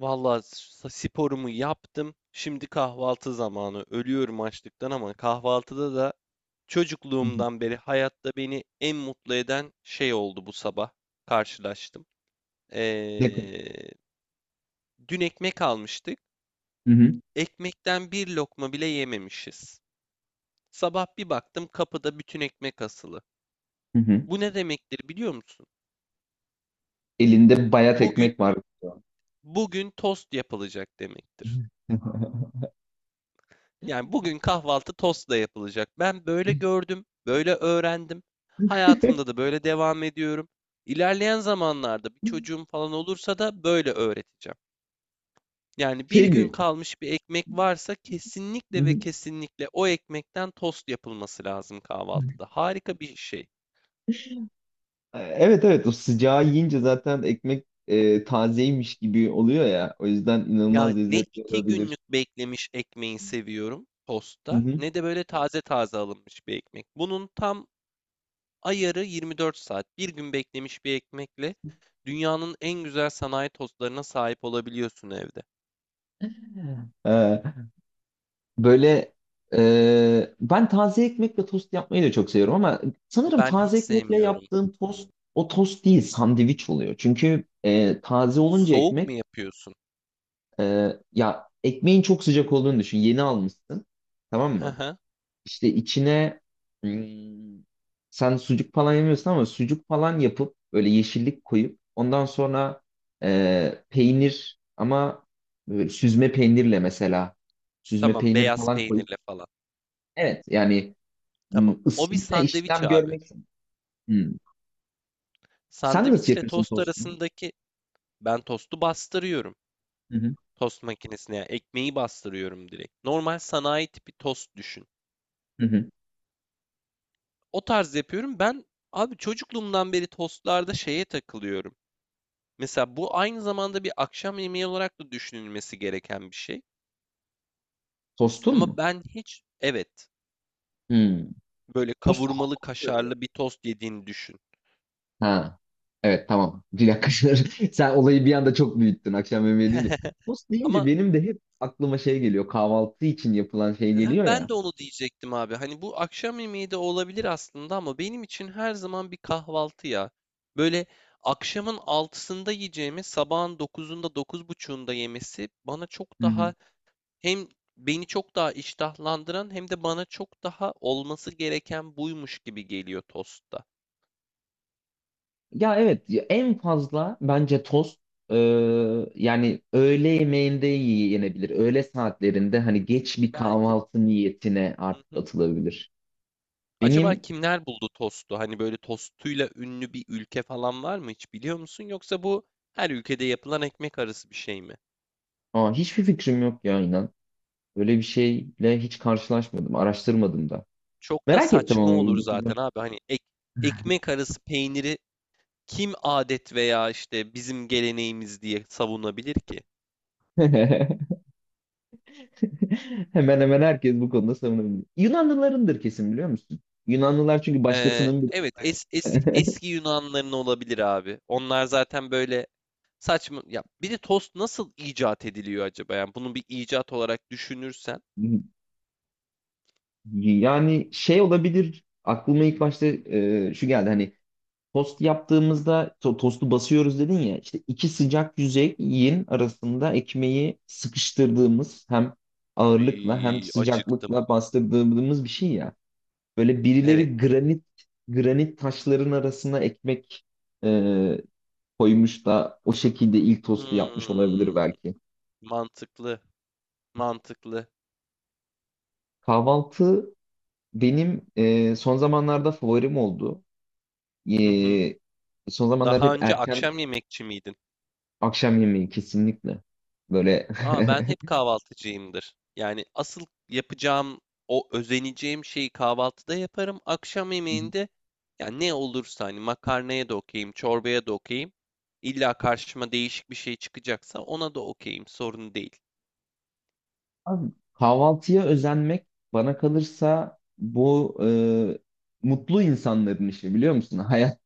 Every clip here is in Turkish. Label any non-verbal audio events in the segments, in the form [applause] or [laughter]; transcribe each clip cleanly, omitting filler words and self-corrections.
Vallahi sporumu yaptım. Şimdi kahvaltı zamanı. Ölüyorum açlıktan ama kahvaltıda da Hı hı. çocukluğumdan beri hayatta beni en mutlu eden şey oldu bu sabah. Karşılaştım. Ne? Ee, Dün ekmek almıştık. Hı hı. Ekmekten bir lokma bile yememişiz. Sabah bir baktım kapıda bütün ekmek asılı. Hı hı. Bu ne demektir biliyor musun? Elinde bayat Bugün ekmek var. bugün tost yapılacak demektir. [laughs] Yani bugün kahvaltı tostla yapılacak. Ben böyle gördüm, böyle öğrendim. Hayatımda da böyle devam ediyorum. İlerleyen zamanlarda bir çocuğum falan olursa da böyle öğreteceğim. Yani bir Şey gün mi? kalmış bir ekmek varsa Hı kesinlikle ve hı. kesinlikle o ekmekten tost yapılması lazım kahvaltıda. Harika bir şey. Evet, evet, o sıcağı yiyince zaten ekmek tazeymiş gibi oluyor ya. O yüzden Ya inanılmaz ne lezzetli iki olabilir. günlük beklemiş ekmeği seviyorum Hı tostta hı. ne de böyle taze taze alınmış bir ekmek. Bunun tam ayarı 24 saat. Bir gün beklemiş bir ekmekle dünyanın en güzel sanayi tostlarına sahip olabiliyorsun evde. Ee, Böyle, ben taze ekmekle tost yapmayı da çok seviyorum ama sanırım Ben hiç taze ekmekle sevmiyorum. yaptığım tost o tost değil, sandviç oluyor. Çünkü taze olunca Soğuk mu ekmek. yapıyorsun? Ya, ekmeğin çok sıcak olduğunu düşün. Yeni almışsın. Tamam Hı mı? hı. İşte içine, hmm, sen sucuk falan yemiyorsun ama sucuk falan yapıp böyle yeşillik koyup ondan sonra peynir, ama böyle süzme peynirle mesela süzme Tamam, peynir beyaz falan koyup, peynirle falan. evet yani, Tamam. O bir ısıyla sandviç işlem abi. görmek. Hmm. Sen nasıl Sandviçle yapıyorsun tost tostunu? arasındaki ben tostu bastırıyorum. Hı hı, Tost makinesine yani ekmeği bastırıyorum direkt. Normal sanayi tipi tost düşün. hı hı. O tarz yapıyorum. Ben abi çocukluğumdan beri tostlarda şeye takılıyorum. Mesela bu aynı zamanda bir akşam yemeği olarak da düşünülmesi gereken bir şey. Tostun Ama mu? ben hiç. Evet, Hmm. böyle Tost kavurmalı hamurdur ya. kaşarlı bir tost yediğini düşün. Ha. Evet, tamam. Bir dakika. [laughs] Sen olayı bir anda çok büyüttün akşam yemeği deyince. [laughs] Tost deyince Ama benim de hep aklıma şey geliyor, kahvaltı için yapılan şey geliyor ben ya. de onu diyecektim abi. Hani bu akşam yemeği de olabilir aslında ama benim için her zaman bir kahvaltı ya. Böyle akşamın altısında yiyeceğimi sabahın dokuzunda 9:30'unda yemesi bana çok Hı hı. daha, hem beni çok daha iştahlandıran hem de bana çok daha olması gereken buymuş gibi geliyor tostta. Ya evet, ya en fazla bence tost e, yani öğle yemeğinde yenebilir. Öğle saatlerinde hani geç bir Belki. kahvaltı niyetine Hı artık hı. atılabilir. Acaba Benim, kimler buldu tostu? Hani böyle tostuyla ünlü bir ülke falan var mı hiç biliyor musun? Yoksa bu her ülkede yapılan ekmek arası bir şey mi? Hiçbir fikrim yok ya, inan. Böyle bir şeyle hiç karşılaşmadım, araştırmadım da. Çok da Merak ettim saçma ama bir olur bakacağım. zaten abi. Hani ekmek arası peyniri kim adet veya işte bizim geleneğimiz diye savunabilir ki? [laughs] [laughs] Hemen hemen herkes bu konuda savunabilir. Yunanlılarındır kesin, biliyor musun? Yunanlılar çünkü başkasının bir. Evet, [laughs] eski Yunanların olabilir abi. Onlar zaten böyle saçma. Ya bir de tost nasıl icat ediliyor acaba? Yani bunu bir icat olarak düşünürsen. Yani şey olabilir, aklıma ilk başta şu geldi hani tost yaptığımızda tostu basıyoruz dedin ya, işte iki sıcak yüzeyin arasında ekmeği sıkıştırdığımız, hem ağırlıkla hem Ay acıktım. sıcaklıkla bastırdığımız bir şey ya. Böyle Evet. birileri granit granit taşların arasına ekmek e, koymuş da o şekilde ilk tostu yapmış olabilir Hmm, belki. mantıklı. Mantıklı. Kahvaltı benim son zamanlarda favorim oldu. Hı hı. E, Son zamanlarda Daha hep önce erken akşam yemekçi miydin? akşam yemeği kesinlikle. Böyle. Aa, ben hep [laughs] kahvaltıcıyımdır. Yani asıl yapacağım o özeneceğim şeyi kahvaltıda yaparım. Akşam yemeğinde ya ne olursa hani makarnaya da okeyim, çorbaya da okeyim. İlla karşıma değişik bir şey çıkacaksa ona da okeyim. Sorun değil. Abi, kahvaltıya özenmek bana kalırsa bu mutlu insanların işi, biliyor musun? [laughs] Hayat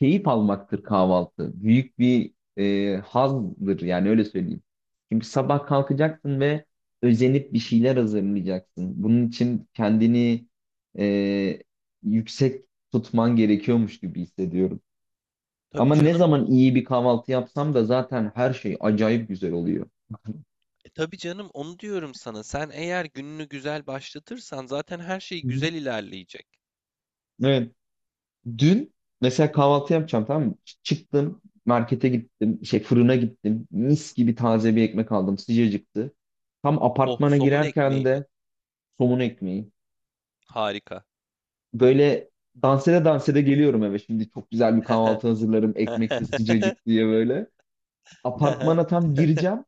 keyif almaktır, kahvaltı. Büyük bir hazdır yani, öyle söyleyeyim. Çünkü sabah kalkacaksın ve özenip bir şeyler hazırlayacaksın. Bunun için kendini e, yüksek tutman gerekiyormuş gibi hissediyorum. Tabii Ama ne canım. zaman iyi bir kahvaltı yapsam da zaten her şey acayip güzel oluyor. E, tabii canım, onu diyorum sana. Sen eğer gününü güzel başlatırsan zaten her şey Hı hı. güzel ilerleyecek. Evet. Dün mesela kahvaltı yapacağım, tamam mı? Çıktım, markete gittim, şey, fırına gittim, mis gibi taze bir ekmek aldım, sıcacıktı. Tam Oh, apartmana somun girerken ekmeği mi? de somun ekmeği. Harika. Böyle dans ede dans ede geliyorum eve, şimdi çok güzel bir kahvaltı hazırlarım, ekmek de [laughs] sıcacık diye böyle. Apartmana tam gireceğim,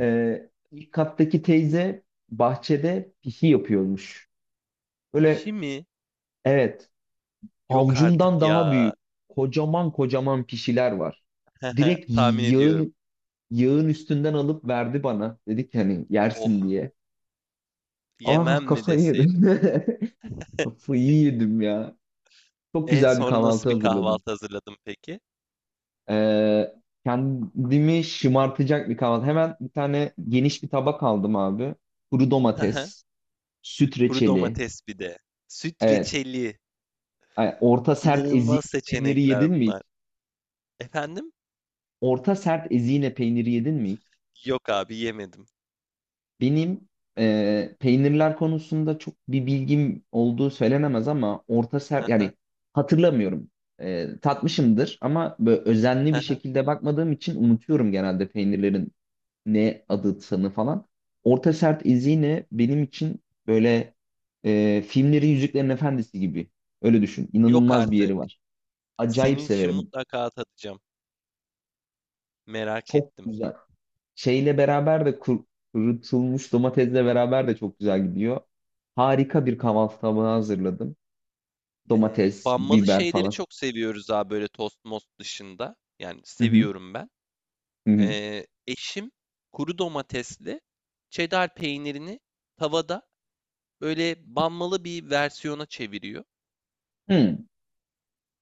ilk kattaki teyze bahçede pisi yapıyormuş. Pişi Böyle, mi? evet, Yok avcumdan artık daha ya. büyük kocaman kocaman pişiler var, [laughs] direkt Tahmin ediyorum. yağın yağın üstünden alıp verdi bana. Dedi ki hani, Oh, yersin diye. Ah, yemem mi kafayı yedim. deseydin? [laughs] Kafayı yedim ya. Çok E güzel bir sonra nasıl kahvaltı bir hazırladım. kahvaltı hazırladım peki? Ee, Kendimi şımartacak bir kahvaltı. Hemen bir tane geniş bir tabak aldım abi. Kuru domates, [laughs] süt Kuru reçeli. domates bir de. Süt Evet. reçeli. Ay, orta sert İnanılmaz ezine peyniri yedin seçenekler mi hiç? bunlar. Efendim? Orta sert ezine peyniri yedin mi hiç? Yok abi yemedim. Benim peynirler konusunda çok bir bilgim olduğu söylenemez ama orta serp yani, [laughs] hatırlamıyorum. Tatmışımdır ama böyle özenli bir şekilde bakmadığım için unutuyorum genelde peynirlerin ne adı sanı falan. Orta serp izini benim için böyle filmlerin Yüzüklerin Efendisi gibi. Öyle düşün. Yok İnanılmaz bir artık. yeri var. Acayip Senin için severim. mutlaka atacağım. Merak Çok ettim. güzel. Şeyle beraber de kurutulmuş domatesle beraber de çok güzel gidiyor. Harika bir kahvaltı tabağı hazırladım. Domates, Banmalı biber şeyleri falan. çok seviyoruz abi böyle tost most dışında. Yani Hı hı. seviyorum ben. Hı hı. Eşim kuru domatesli cheddar peynirini tavada böyle banmalı bir versiyona çeviriyor.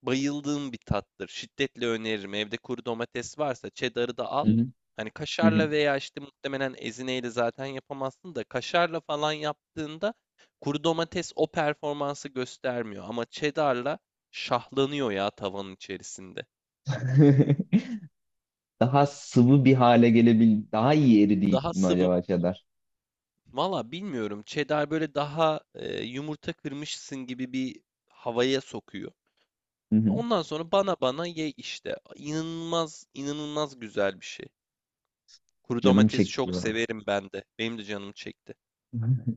Bayıldığım bir tattır. Şiddetle öneririm. Evde kuru domates varsa cheddar'ı da al. Hı hı. Hani Hı hı. kaşarla veya işte muhtemelen ezineyle zaten yapamazsın da kaşarla falan yaptığında kuru domates o performansı göstermiyor ama cheddar'la şahlanıyor ya tavanın içerisinde. [laughs] Daha sıvı bir hale gelebil, daha iyi eridiği Daha için mi sıvı. acaba cheddar? Valla bilmiyorum. Cheddar böyle daha yumurta kırmışsın gibi bir havaya sokuyor. Hı hı. Ondan sonra bana ye işte. İnanılmaz, inanılmaz güzel bir şey. Kuru Canım domatesi çekti çok ya. severim ben de. Benim de canım çekti. Hı hı.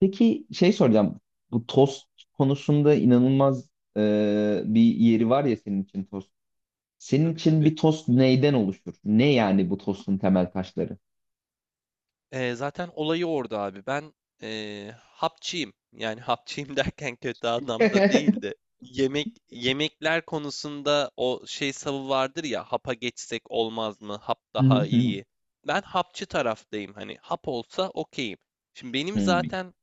Peki, şey soracağım. Bu tost konusunda inanılmaz bir yeri var ya senin için tost. Senin Tabii için tabii. bir tost neyden oluşur? Ne yani bu tostun temel taşları? Zaten olayı orada abi. Ben hapçıyım. Yani [laughs] hapçıyım derken kötü anlamda [laughs] değil de. Yemek yemekler konusunda o şey savı vardır ya hapa geçsek olmaz mı? Hap Hı daha hı hı. iyi. Ben hapçı taraftayım. Hani hap olsa okeyim. Şimdi benim Hı. zaten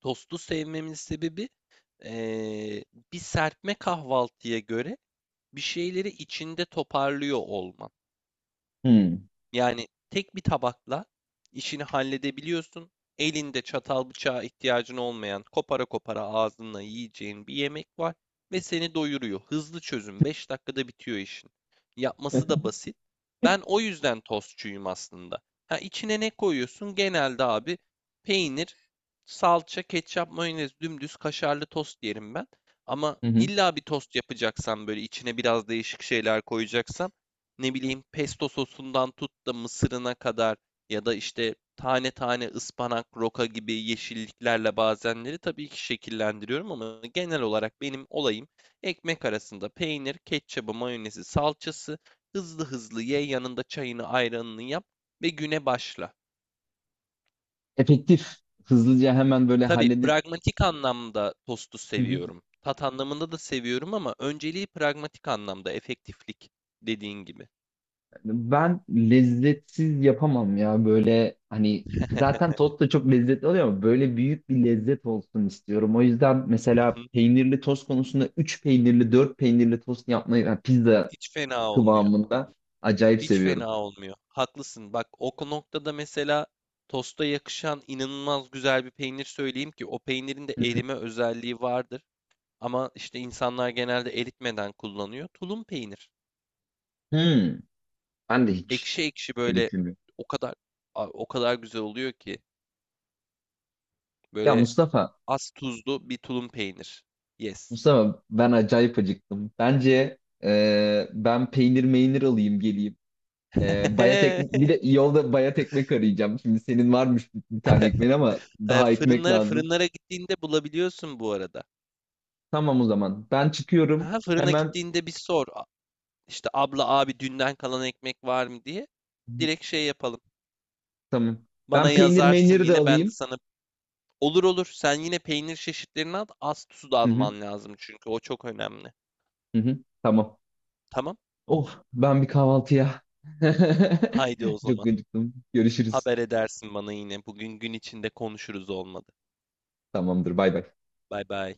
tostu sevmemin sebebi ee, bir serpme kahvaltıya göre bir şeyleri içinde toparlıyor olman. Hı. Yani tek bir tabakla işini halledebiliyorsun. Elinde çatal bıçağa ihtiyacın olmayan, kopara kopara ağzınla yiyeceğin bir yemek var ve seni doyuruyor. Hızlı çözüm, 5 dakikada bitiyor işin. Yapması da basit. Ben o yüzden tostçuyum aslında. Ha içine ne koyuyorsun? Genelde abi peynir, salça, ketçap, mayonez, dümdüz kaşarlı tost yerim ben. Ama Hı hı. illa bir tost yapacaksan böyle içine biraz değişik şeyler koyacaksan ne bileyim pesto sosundan tut da mısırına kadar ya da işte tane tane ıspanak, roka gibi yeşilliklerle bazenleri tabii ki şekillendiriyorum ama genel olarak benim olayım ekmek arasında peynir, ketçabı, mayonezi, salçası hızlı hızlı ye yanında çayını ayranını yap ve güne başla. Efektif, hızlıca hemen böyle Tabii halledip. pragmatik anlamda tostu Hı hı. seviyorum. Tat anlamında da seviyorum ama önceliği pragmatik anlamda efektiflik dediğin gibi. Ben lezzetsiz yapamam ya böyle hani, zaten [laughs] tost da çok lezzetli oluyor ama böyle büyük bir lezzet olsun istiyorum. O yüzden mesela peynirli tost konusunda 3 peynirli 4 peynirli tost yapmayı, yani pizza Hiç fena olmuyor. kıvamında acayip Hiç seviyorum. fena olmuyor. Haklısın. Bak o noktada mesela tosta yakışan inanılmaz güzel bir peynir söyleyeyim ki o peynirin de Hı hı. erime özelliği vardır. Ama işte insanlar genelde eritmeden kullanıyor. Tulum peynir. Hı. Ben de hiç Ekşi ekşi böyle eritilmiyor. o kadar o kadar güzel oluyor ki Ya böyle Mustafa, az tuzlu bir tulum peynir. Yes. Mustafa, ben acayip acıktım. Bence ben peynir meynir alayım geleyim. Bayat ekmek, bir [laughs] de yolda bayat ekmek arayacağım. Şimdi senin varmış bir tane ekmeğin ama E, daha ekmek fırınlara lazım. fırınlara gittiğinde bulabiliyorsun bu arada. Tamam o zaman. Ben çıkıyorum. Ha fırına Hemen. gittiğinde bir sor. İşte abla abi dünden kalan ekmek var mı diye Hı hı, direkt şey yapalım. tamam. Bana Ben peynir yazarsın meyniri de yine ben de alayım. sana olur olur sen yine peynir çeşitlerini al, az su da Hı hı, alman lazım çünkü o çok önemli. hı hı, tamam. Tamam? Of, ben bir kahvaltıya. [laughs] Haydi o Çok zaman. acıktım. Görüşürüz. Haber edersin bana yine. Bugün gün içinde konuşuruz olmadı. Tamamdır. Bay bay. Bay bay.